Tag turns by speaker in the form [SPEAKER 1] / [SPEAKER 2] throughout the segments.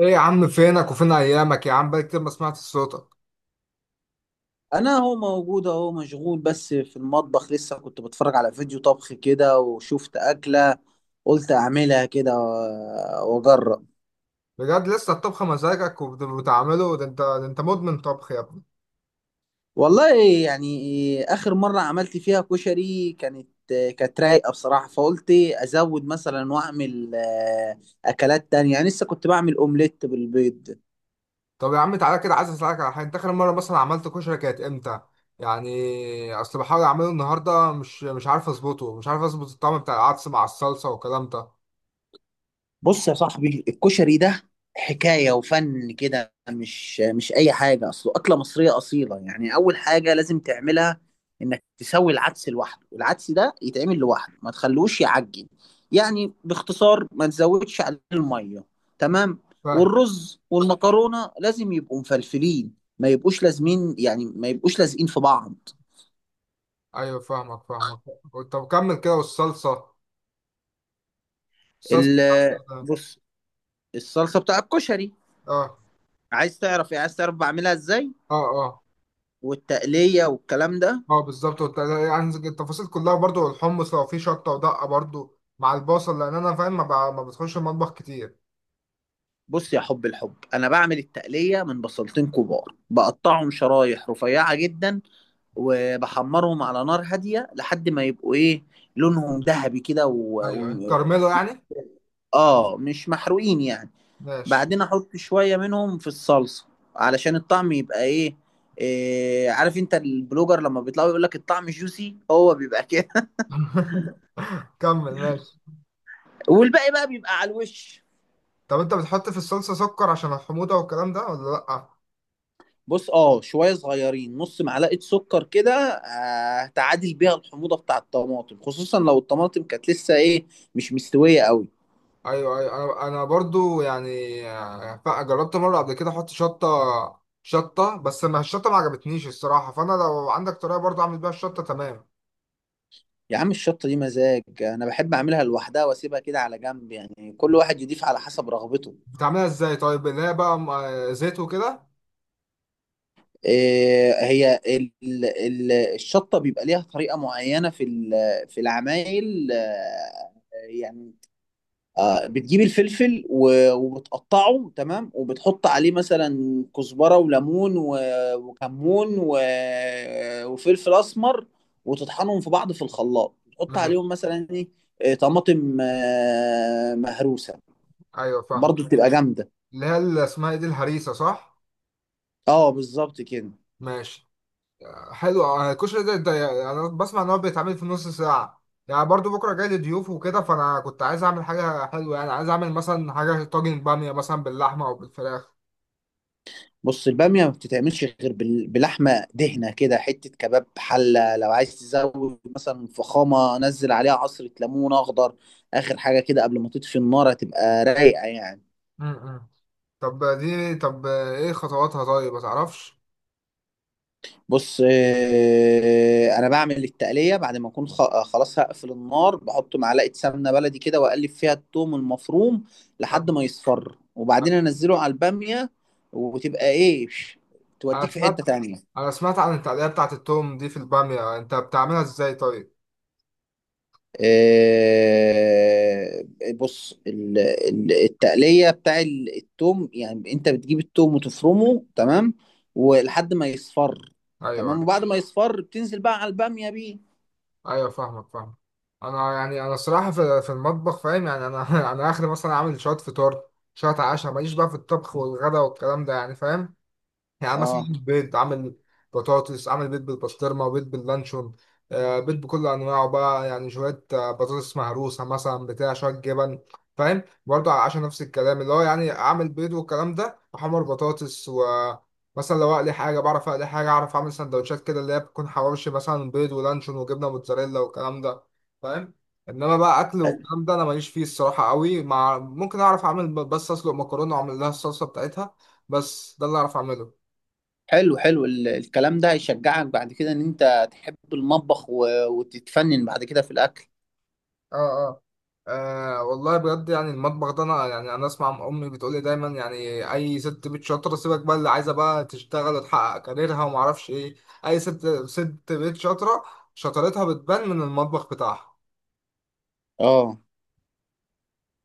[SPEAKER 1] ايه يا عم، فينك وفين ايامك؟ يا عم بقالي كتير ما سمعت صوتك.
[SPEAKER 2] انا هو موجود اهو مشغول، بس في المطبخ. لسه كنت بتفرج على فيديو طبخ كده، وشفت اكله. قلت اعملها كده واجرب.
[SPEAKER 1] بجد؟ لسه الطبخ مزاجك وبتعمله؟ ده انت مدمن طبخ يا ابني.
[SPEAKER 2] والله، يعني اخر مره عملت فيها كشري كانت رايقه بصراحه، فقلت ازود مثلا واعمل اكلات تانية. يعني لسه كنت بعمل اومليت بالبيض.
[SPEAKER 1] طب يا عم، تعالى كده عايز اسالك على حاجه. انت اخر مره مثلا عملت كشري كانت امتى؟ يعني اصل بحاول اعمله النهارده، مش عارف اظبطه، مش عارف اظبط الطعم بتاع العدس مع الصلصه والكلام ده.
[SPEAKER 2] بص يا صاحبي، الكشري ده حكاية وفن كده. مش أي حاجة. أصله أكلة مصرية أصيلة. يعني أول حاجة لازم تعملها إنك تسوي العدس لوحده. العدس ده يتعمل لوحده، ما تخلوش يعجن. يعني باختصار ما تزودش عليه المية، تمام.
[SPEAKER 1] فاهم.
[SPEAKER 2] والرز والمكرونة لازم يبقوا مفلفلين، ما يبقوش لازمين، يعني ما يبقوش لازقين في بعض.
[SPEAKER 1] ايوه فاهمك فاهمك. طب كمل كده، والصلصه. الصلصه بتاعت. ال-
[SPEAKER 2] بص، الصلصة بتاع الكشري،
[SPEAKER 1] اه
[SPEAKER 2] عايز تعرف إيه؟ عايز تعرف بعملها إزاي،
[SPEAKER 1] اه. اه
[SPEAKER 2] والتقلية والكلام ده.
[SPEAKER 1] اه، بالظبط. يعني التفاصيل كلها برضو، الحمص لو فيه شطه ودقه برضو مع البصل، لان انا فاهم ما بتخش المطبخ كتير.
[SPEAKER 2] بص يا حب الحب، انا بعمل التقليه من بصلتين كبار. بقطعهم شرايح رفيعه جدا، وبحمرهم على نار هاديه لحد ما يبقوا ايه، لونهم ذهبي كده.
[SPEAKER 1] ايوه، كرمله يعني.
[SPEAKER 2] اه، مش محروقين يعني.
[SPEAKER 1] ماشي.
[SPEAKER 2] بعدين احط شويه منهم في الصلصه علشان الطعم يبقى ايه. إيه، عارف انت البلوجر لما بيطلعوا يقول لك الطعم جوسي؟ هو بيبقى كده.
[SPEAKER 1] كمل. ماشي.
[SPEAKER 2] والباقي بقى بيبقى على الوش.
[SPEAKER 1] طب انت بتحط في الصلصه سكر عشان الحموضه والكلام ده، ولا لا؟
[SPEAKER 2] بص، اه شويه صغيرين، نص معلقه سكر كده، هتعادل بيها الحموضه بتاع الطماطم، خصوصا لو الطماطم كانت لسه ايه، مش مستويه قوي.
[SPEAKER 1] ايوه ايوه. انا برضو يعني جربت مره قبل كده احط شطه. شطه. بس ما الشطه ما عجبتنيش الصراحه، فانا لو عندك طريقه برضو اعمل بيها الشطه تمام.
[SPEAKER 2] يا عم، الشطه دي مزاج. انا بحب اعملها لوحدها واسيبها كده على جنب، يعني كل واحد يضيف على حسب رغبته.
[SPEAKER 1] بتعملها ازاي طيب؟ اللي هي بقى زيت وكده.
[SPEAKER 2] إيه هي ال ال الشطه بيبقى ليها طريقه معينه في العمايل، يعني، بتجيب الفلفل وبتقطعه، تمام، وبتحط عليه مثلا كزبرة وليمون وكمون وفلفل أسمر. وتطحنهم في بعض في الخلاط، تحط عليهم
[SPEAKER 1] ماشي.
[SPEAKER 2] مثلا ايه، طماطم مهروسة.
[SPEAKER 1] ايوه فاهم.
[SPEAKER 2] برضو بتبقى جامدة.
[SPEAKER 1] اللي اسمها ايه دي، الهريسه، صح؟
[SPEAKER 2] اه بالظبط كده.
[SPEAKER 1] ماشي. حلو. الكشري ده يعني انا بسمع ان هو بيتعمل في نص ساعه يعني، برضو بكره جاي لي ضيوف وكده، فانا كنت عايز اعمل حاجه حلوه، يعني عايز اعمل مثلا حاجه طاجن باميه مثلا باللحمه او بالفراخ.
[SPEAKER 2] بص، البامية ما بتتعملش غير بلحمة دهنة كده، حتة كباب حلة. لو عايز تزود مثلا فخامة، نزل عليها عصرة ليمون أخضر آخر حاجة كده قبل ما تطفي النار. هتبقى رايقة يعني.
[SPEAKER 1] امم. طب ايه خطواتها؟ طيب ما تعرفش.
[SPEAKER 2] بص، أنا بعمل التقلية بعد ما أكون خلاص هقفل النار. بحط معلقة سمنة بلدي كده، وأقلب فيها التوم المفروم لحد
[SPEAKER 1] آه،
[SPEAKER 2] ما يصفر، وبعدين أنزله على البامية. وتبقى إيه،
[SPEAKER 1] انا
[SPEAKER 2] توديك في
[SPEAKER 1] سمعت
[SPEAKER 2] حتة تانية.
[SPEAKER 1] انا سمعت عن التقليه بتاعه التوم دي في الباميه، انت بتعملها ازاي طيب؟
[SPEAKER 2] آه، بص، التقلية بتاع التوم، يعني انت بتجيب التوم وتفرمه، تمام، ولحد ما يصفر،
[SPEAKER 1] ايوه
[SPEAKER 2] تمام،
[SPEAKER 1] أيوه.
[SPEAKER 2] وبعد ما يصفر بتنزل بقى على البامية بيه.
[SPEAKER 1] ايوه فاهمك فاهمك. انا الصراحه في المطبخ فاهم يعني انا اخر مثلا اعمل شويه فطار، شويه عشاء. ماليش بقى في الطبخ والغدا والكلام ده يعني، فاهم. يعني مثلا،
[SPEAKER 2] اه،
[SPEAKER 1] بيض عامل، بطاطس، عامل بيض بالبسطرمة، بيض باللانشون، بيض بكل أنواعه بقى يعني، شوية بطاطس مهروسة مثلا، بتاع شوية جبن. فاهم. برضه على العشاء نفس الكلام، اللي هو يعني عامل بيض والكلام ده، وحمر بطاطس و. مثلا لو أقلي حاجة بعرف أقلي حاجة، أعرف أعمل سندوتشات كده اللي هي بتكون حواوشي مثلا، بيض ولانشون وجبنة موتزاريلا والكلام ده. فاهم. إنما بقى أكل والكلام ده أنا ماليش فيه الصراحة قوي، مع ممكن أعرف أعمل بس أسلق مكرونة وأعمل لها الصلصة بتاعتها. بس ده اللي أعرف أعمله.
[SPEAKER 2] حلو حلو. الكلام ده هيشجعك بعد كده ان انت تحب المطبخ وتتفنن بعد كده في الاكل.
[SPEAKER 1] اه اه. والله بجد يعني، المطبخ ده انا اسمع امي بتقول لي دايما يعني، اي ست بيت شاطره، سيبك بقى اللي عايزه بقى تشتغل وتحقق كاريرها وما اعرفش ايه. اي ست بيت شاطره، شطارتها بتبان من المطبخ بتاعها.
[SPEAKER 2] اه،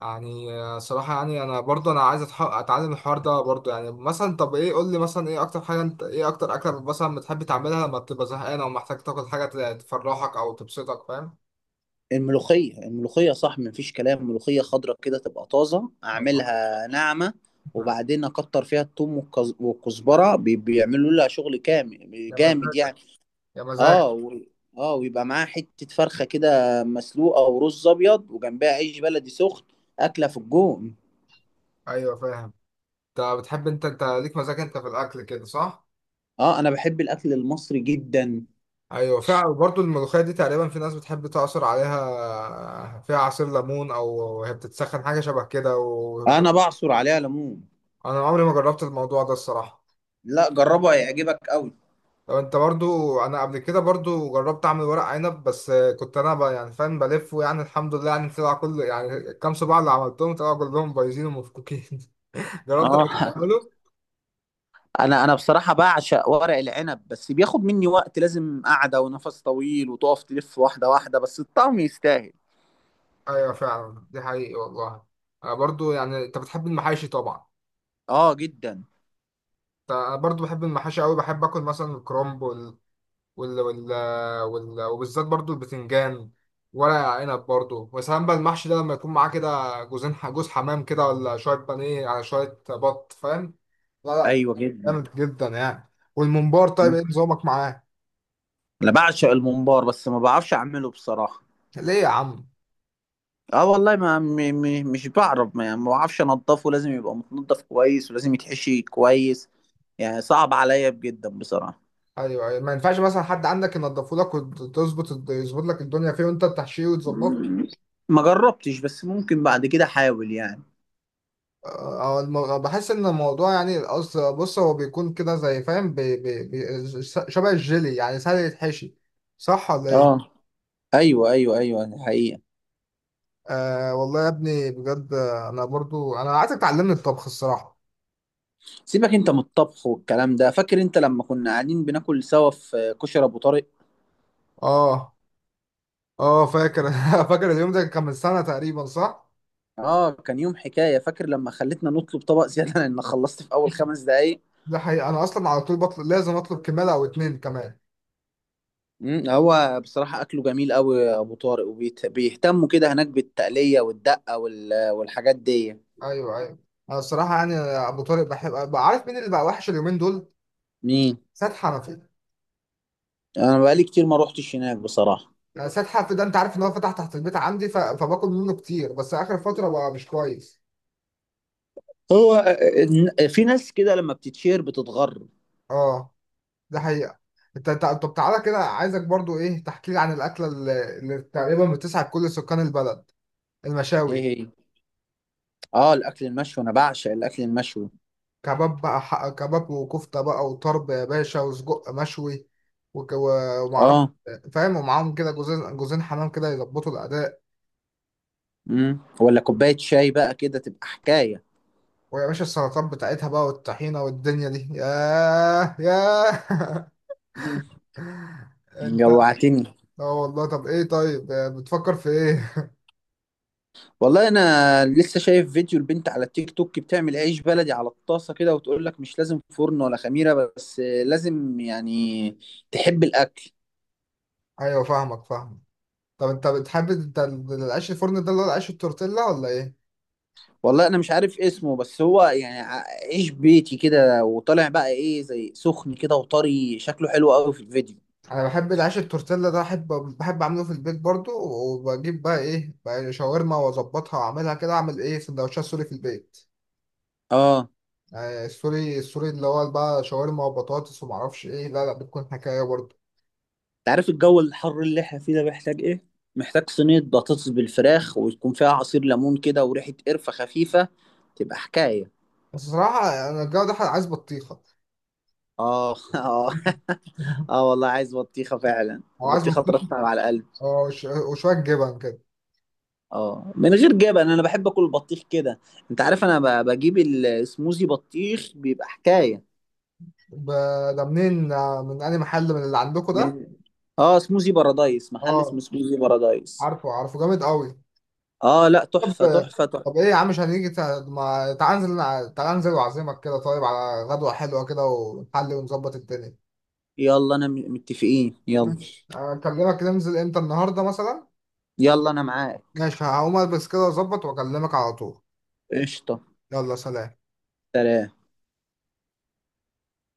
[SPEAKER 1] يعني صراحه يعني انا عايز اتعلم الحوار ده برضه، يعني مثلا طب ايه، قول لي مثلا ايه اكتر اكله مثلا بتحب تعملها لما بتبقى زهقان او محتاج تاكل حاجه تفرحك او تبسطك؟ فاهم.
[SPEAKER 2] الملوخية الملوخية صح، مفيش كلام. ملوخية خضرة كده، تبقى طازة،
[SPEAKER 1] آه.
[SPEAKER 2] أعملها ناعمة. وبعدين أكتر فيها الثوم والكزبرة، بيعملوا لها شغل كامل
[SPEAKER 1] يا
[SPEAKER 2] جامد
[SPEAKER 1] مزاجك!
[SPEAKER 2] يعني.
[SPEAKER 1] يا
[SPEAKER 2] اه.
[SPEAKER 1] مزاجك!
[SPEAKER 2] اه، ويبقى معاها حتة فرخة كده مسلوقة، ورز أبيض، وجنبها عيش بلدي سخن. أكلة في الجون.
[SPEAKER 1] ايوه فاهم. انت ليك مزاج انت في الاكل كده، صح؟
[SPEAKER 2] اه، أنا بحب الأكل المصري جدا.
[SPEAKER 1] ايوه فعلا، برضو الملوخيه دي تقريبا في ناس بتحب تعصر عليها، فيها عصير ليمون، او هي بتتسخن حاجه شبه كده
[SPEAKER 2] أنا بعصر عليها ليمون.
[SPEAKER 1] انا عمري ما جربت الموضوع ده الصراحه.
[SPEAKER 2] لا، جربه هيعجبك أوي.
[SPEAKER 1] لو انت برضو انا قبل كده برضو جربت اعمل ورق عنب، بس. كنت انا بقى يعني فاهم بلف، ويعني الحمد لله يعني طلع كل يعني الكام صباع اللي عملتهم طلعوا كلهم بايظين ومفكوكين. جربت قبل كده
[SPEAKER 2] اه،
[SPEAKER 1] تعمله؟
[SPEAKER 2] انا بصراحه بعشق ورق العنب، بس بياخد مني وقت، لازم قعده ونفس طويل، وتقف تلف واحده واحده، بس الطعم يستاهل.
[SPEAKER 1] ايوه فعلا، دي حقيقي والله. انا برضو يعني، انت بتحب المحاشي طبعا.
[SPEAKER 2] اه جدا.
[SPEAKER 1] أنا برضو بحب المحاشي قوي، بحب اكل مثلا الكرنب وال... وال... وبالذات برضو البتنجان، ورق عنب برضو، وسلام بقى. المحشي ده لما يكون معاه كده جوز حمام كده، ولا شويه بانيه، على شويه بط، فاهم. لا لا.
[SPEAKER 2] ايوه جدا.
[SPEAKER 1] جامد جدا يعني. والممبار طيب،
[SPEAKER 2] مم.
[SPEAKER 1] ايه نظامك معاه؟
[SPEAKER 2] انا بعشق الممبار، بس ما بعرفش اعمله بصراحه.
[SPEAKER 1] ليه يا عم؟
[SPEAKER 2] اه والله، ما م م مش بعرف، ما بعرفش انضفه. لازم يبقى متنضف كويس، ولازم يتحشي كويس، يعني صعب عليا جدا بصراحه.
[SPEAKER 1] ايوه أيوة. ما ينفعش مثلا حد عندك ينضفه لك، يظبط لك الدنيا فيه، وانت تحشيه وتظبطه.
[SPEAKER 2] مم. ما جربتش، بس ممكن بعد كده احاول يعني.
[SPEAKER 1] اه، بحس ان الموضوع يعني، القصد، بص هو بيكون كده زي فاهم، شبه الجيلي، يعني سهل يتحشي. صح ولا ايه؟
[SPEAKER 2] اه، ايوه ايوه ايوه، حقيقي.
[SPEAKER 1] والله يا ابني بجد، انا عايزك تعلمني الطبخ الصراحة.
[SPEAKER 2] سيبك انت من الطبخ والكلام ده. فاكر انت لما كنا قاعدين بناكل سوا في كشري ابو طارق؟
[SPEAKER 1] اه اه. فاكر، فاكر اليوم ده كان من سنة تقريبا، صح؟
[SPEAKER 2] اه، كان يوم حكايه. فاكر لما خلتنا نطلب طبق زياده لان خلصت في اول 5 دقايق.
[SPEAKER 1] ده حقيقة، انا اصلا على طول بطلب، لازم اطلب كمالة او اتنين كمان.
[SPEAKER 2] هو بصراحه اكله جميل قوي ابو طارق، وبيهتموا كده هناك بالتقليه والدقه والحاجات دي.
[SPEAKER 1] ايوه ايوه. انا الصراحة يعني ابو طارق بحب بقى. عارف مين اللي بقى وحش اليومين دول؟
[SPEAKER 2] مين؟
[SPEAKER 1] سيد حنفي.
[SPEAKER 2] انا بقالي كتير ما روحتش هناك بصراحه.
[SPEAKER 1] يعني سيد حرف ده، انت عارف ان هو فتح تحت البيت عندي، فباكل منه كتير، بس اخر فتره بقى مش كويس.
[SPEAKER 2] هو في ناس كده لما بتتشير بتتغر.
[SPEAKER 1] اه. ده حقيقه. انت طب تعالى كده، عايزك برضو ايه تحكي لي عن الاكله اللي تقريبا بتسعد كل سكان البلد.
[SPEAKER 2] ايه
[SPEAKER 1] المشاوي.
[SPEAKER 2] هي. اه، الاكل المشوي، انا بعشق الاكل المشوي.
[SPEAKER 1] كباب بقى، ح- كباب وكفته بقى وطرب يا باشا وسجق مشوي، ومعرفش،
[SPEAKER 2] اه.
[SPEAKER 1] فاهم. ومعاهم كده جوزين حمام كده يظبطوا الاداء.
[SPEAKER 2] ولا كوبايه شاي بقى كده، تبقى حكايه.
[SPEAKER 1] ويا باشا السلطات بتاعتها بقى، والطحينه، والدنيا دي، ياه ياه!
[SPEAKER 2] مم.
[SPEAKER 1] انت.
[SPEAKER 2] جوعتني.
[SPEAKER 1] اه والله، طب ايه طيب، بتفكر في ايه؟
[SPEAKER 2] والله انا لسه شايف فيديو البنت على التيك توك بتعمل عيش بلدي على الطاسه كده، وتقول لك مش لازم فرن ولا خميره، بس لازم يعني تحب الاكل.
[SPEAKER 1] ايوه فاهمك فاهمك. طب انت بتحب انت ال- العيش الفرن ده اللي هو العيش التورتيلا، ولا ايه؟
[SPEAKER 2] والله انا مش عارف اسمه، بس هو يعني عيش بيتي كده، وطالع بقى ايه زي سخن كده وطري، شكله حلو قوي في الفيديو.
[SPEAKER 1] انا بحب العيش التورتيلا ده، احب. بحب اعمله في البيت برضو، وبجيب بقى ايه بقى شاورما واظبطها واعملها كده، اعمل ايه؟ سندوتشات سوري في البيت.
[SPEAKER 2] اه.
[SPEAKER 1] يعني السوري اللي هو بقى شاورما وبطاطس ومعرفش ايه، لا لا، بتكون حكايه برضو.
[SPEAKER 2] انت عارف الجو الحر اللي احنا فيه ده محتاج ايه؟ محتاج صينيه بطاطس بالفراخ، ويكون فيها عصير ليمون كده وريحه قرفه خفيفه. تبقى حكايه.
[SPEAKER 1] بس صراحه، انا الجو ده عايز بطيخه.
[SPEAKER 2] اه. اه والله، عايز بطيخه فعلا.
[SPEAKER 1] او عايز
[SPEAKER 2] البطيخه
[SPEAKER 1] بطيخه،
[SPEAKER 2] ترطب على القلب.
[SPEAKER 1] اه، وشويه جبن كده.
[SPEAKER 2] اه، من غير جبن انا بحب اكل البطيخ كده. انت عارف، انا بجيب السموزي بطيخ، بيبقى حكايه.
[SPEAKER 1] ده منين، من أي محل، من اللي عندكم ده؟
[SPEAKER 2] من. اه، سموزي بارادايس، محل اسمه
[SPEAKER 1] اه
[SPEAKER 2] سموزي بارادايس.
[SPEAKER 1] عارفه عارفه، جامد قوي.
[SPEAKER 2] اه، لا،
[SPEAKER 1] طب
[SPEAKER 2] تحفه تحفه تحفه.
[SPEAKER 1] طب ايه يا عم، مش هنيجي؟ ما تعال انزل، تعال انزل واعزمك كده طيب على غدوة حلوة كده، ونحل ونظبط الدنيا.
[SPEAKER 2] يلا، انا متفقين، يلا.
[SPEAKER 1] ماشي، اكلمك. ننزل امتى؟ النهارده مثلا.
[SPEAKER 2] يلا، انا معاك.
[SPEAKER 1] ماشي، هقوم البس كده واظبط واكلمك على طول.
[SPEAKER 2] قشطه.
[SPEAKER 1] يلا سلام.
[SPEAKER 2] سلام.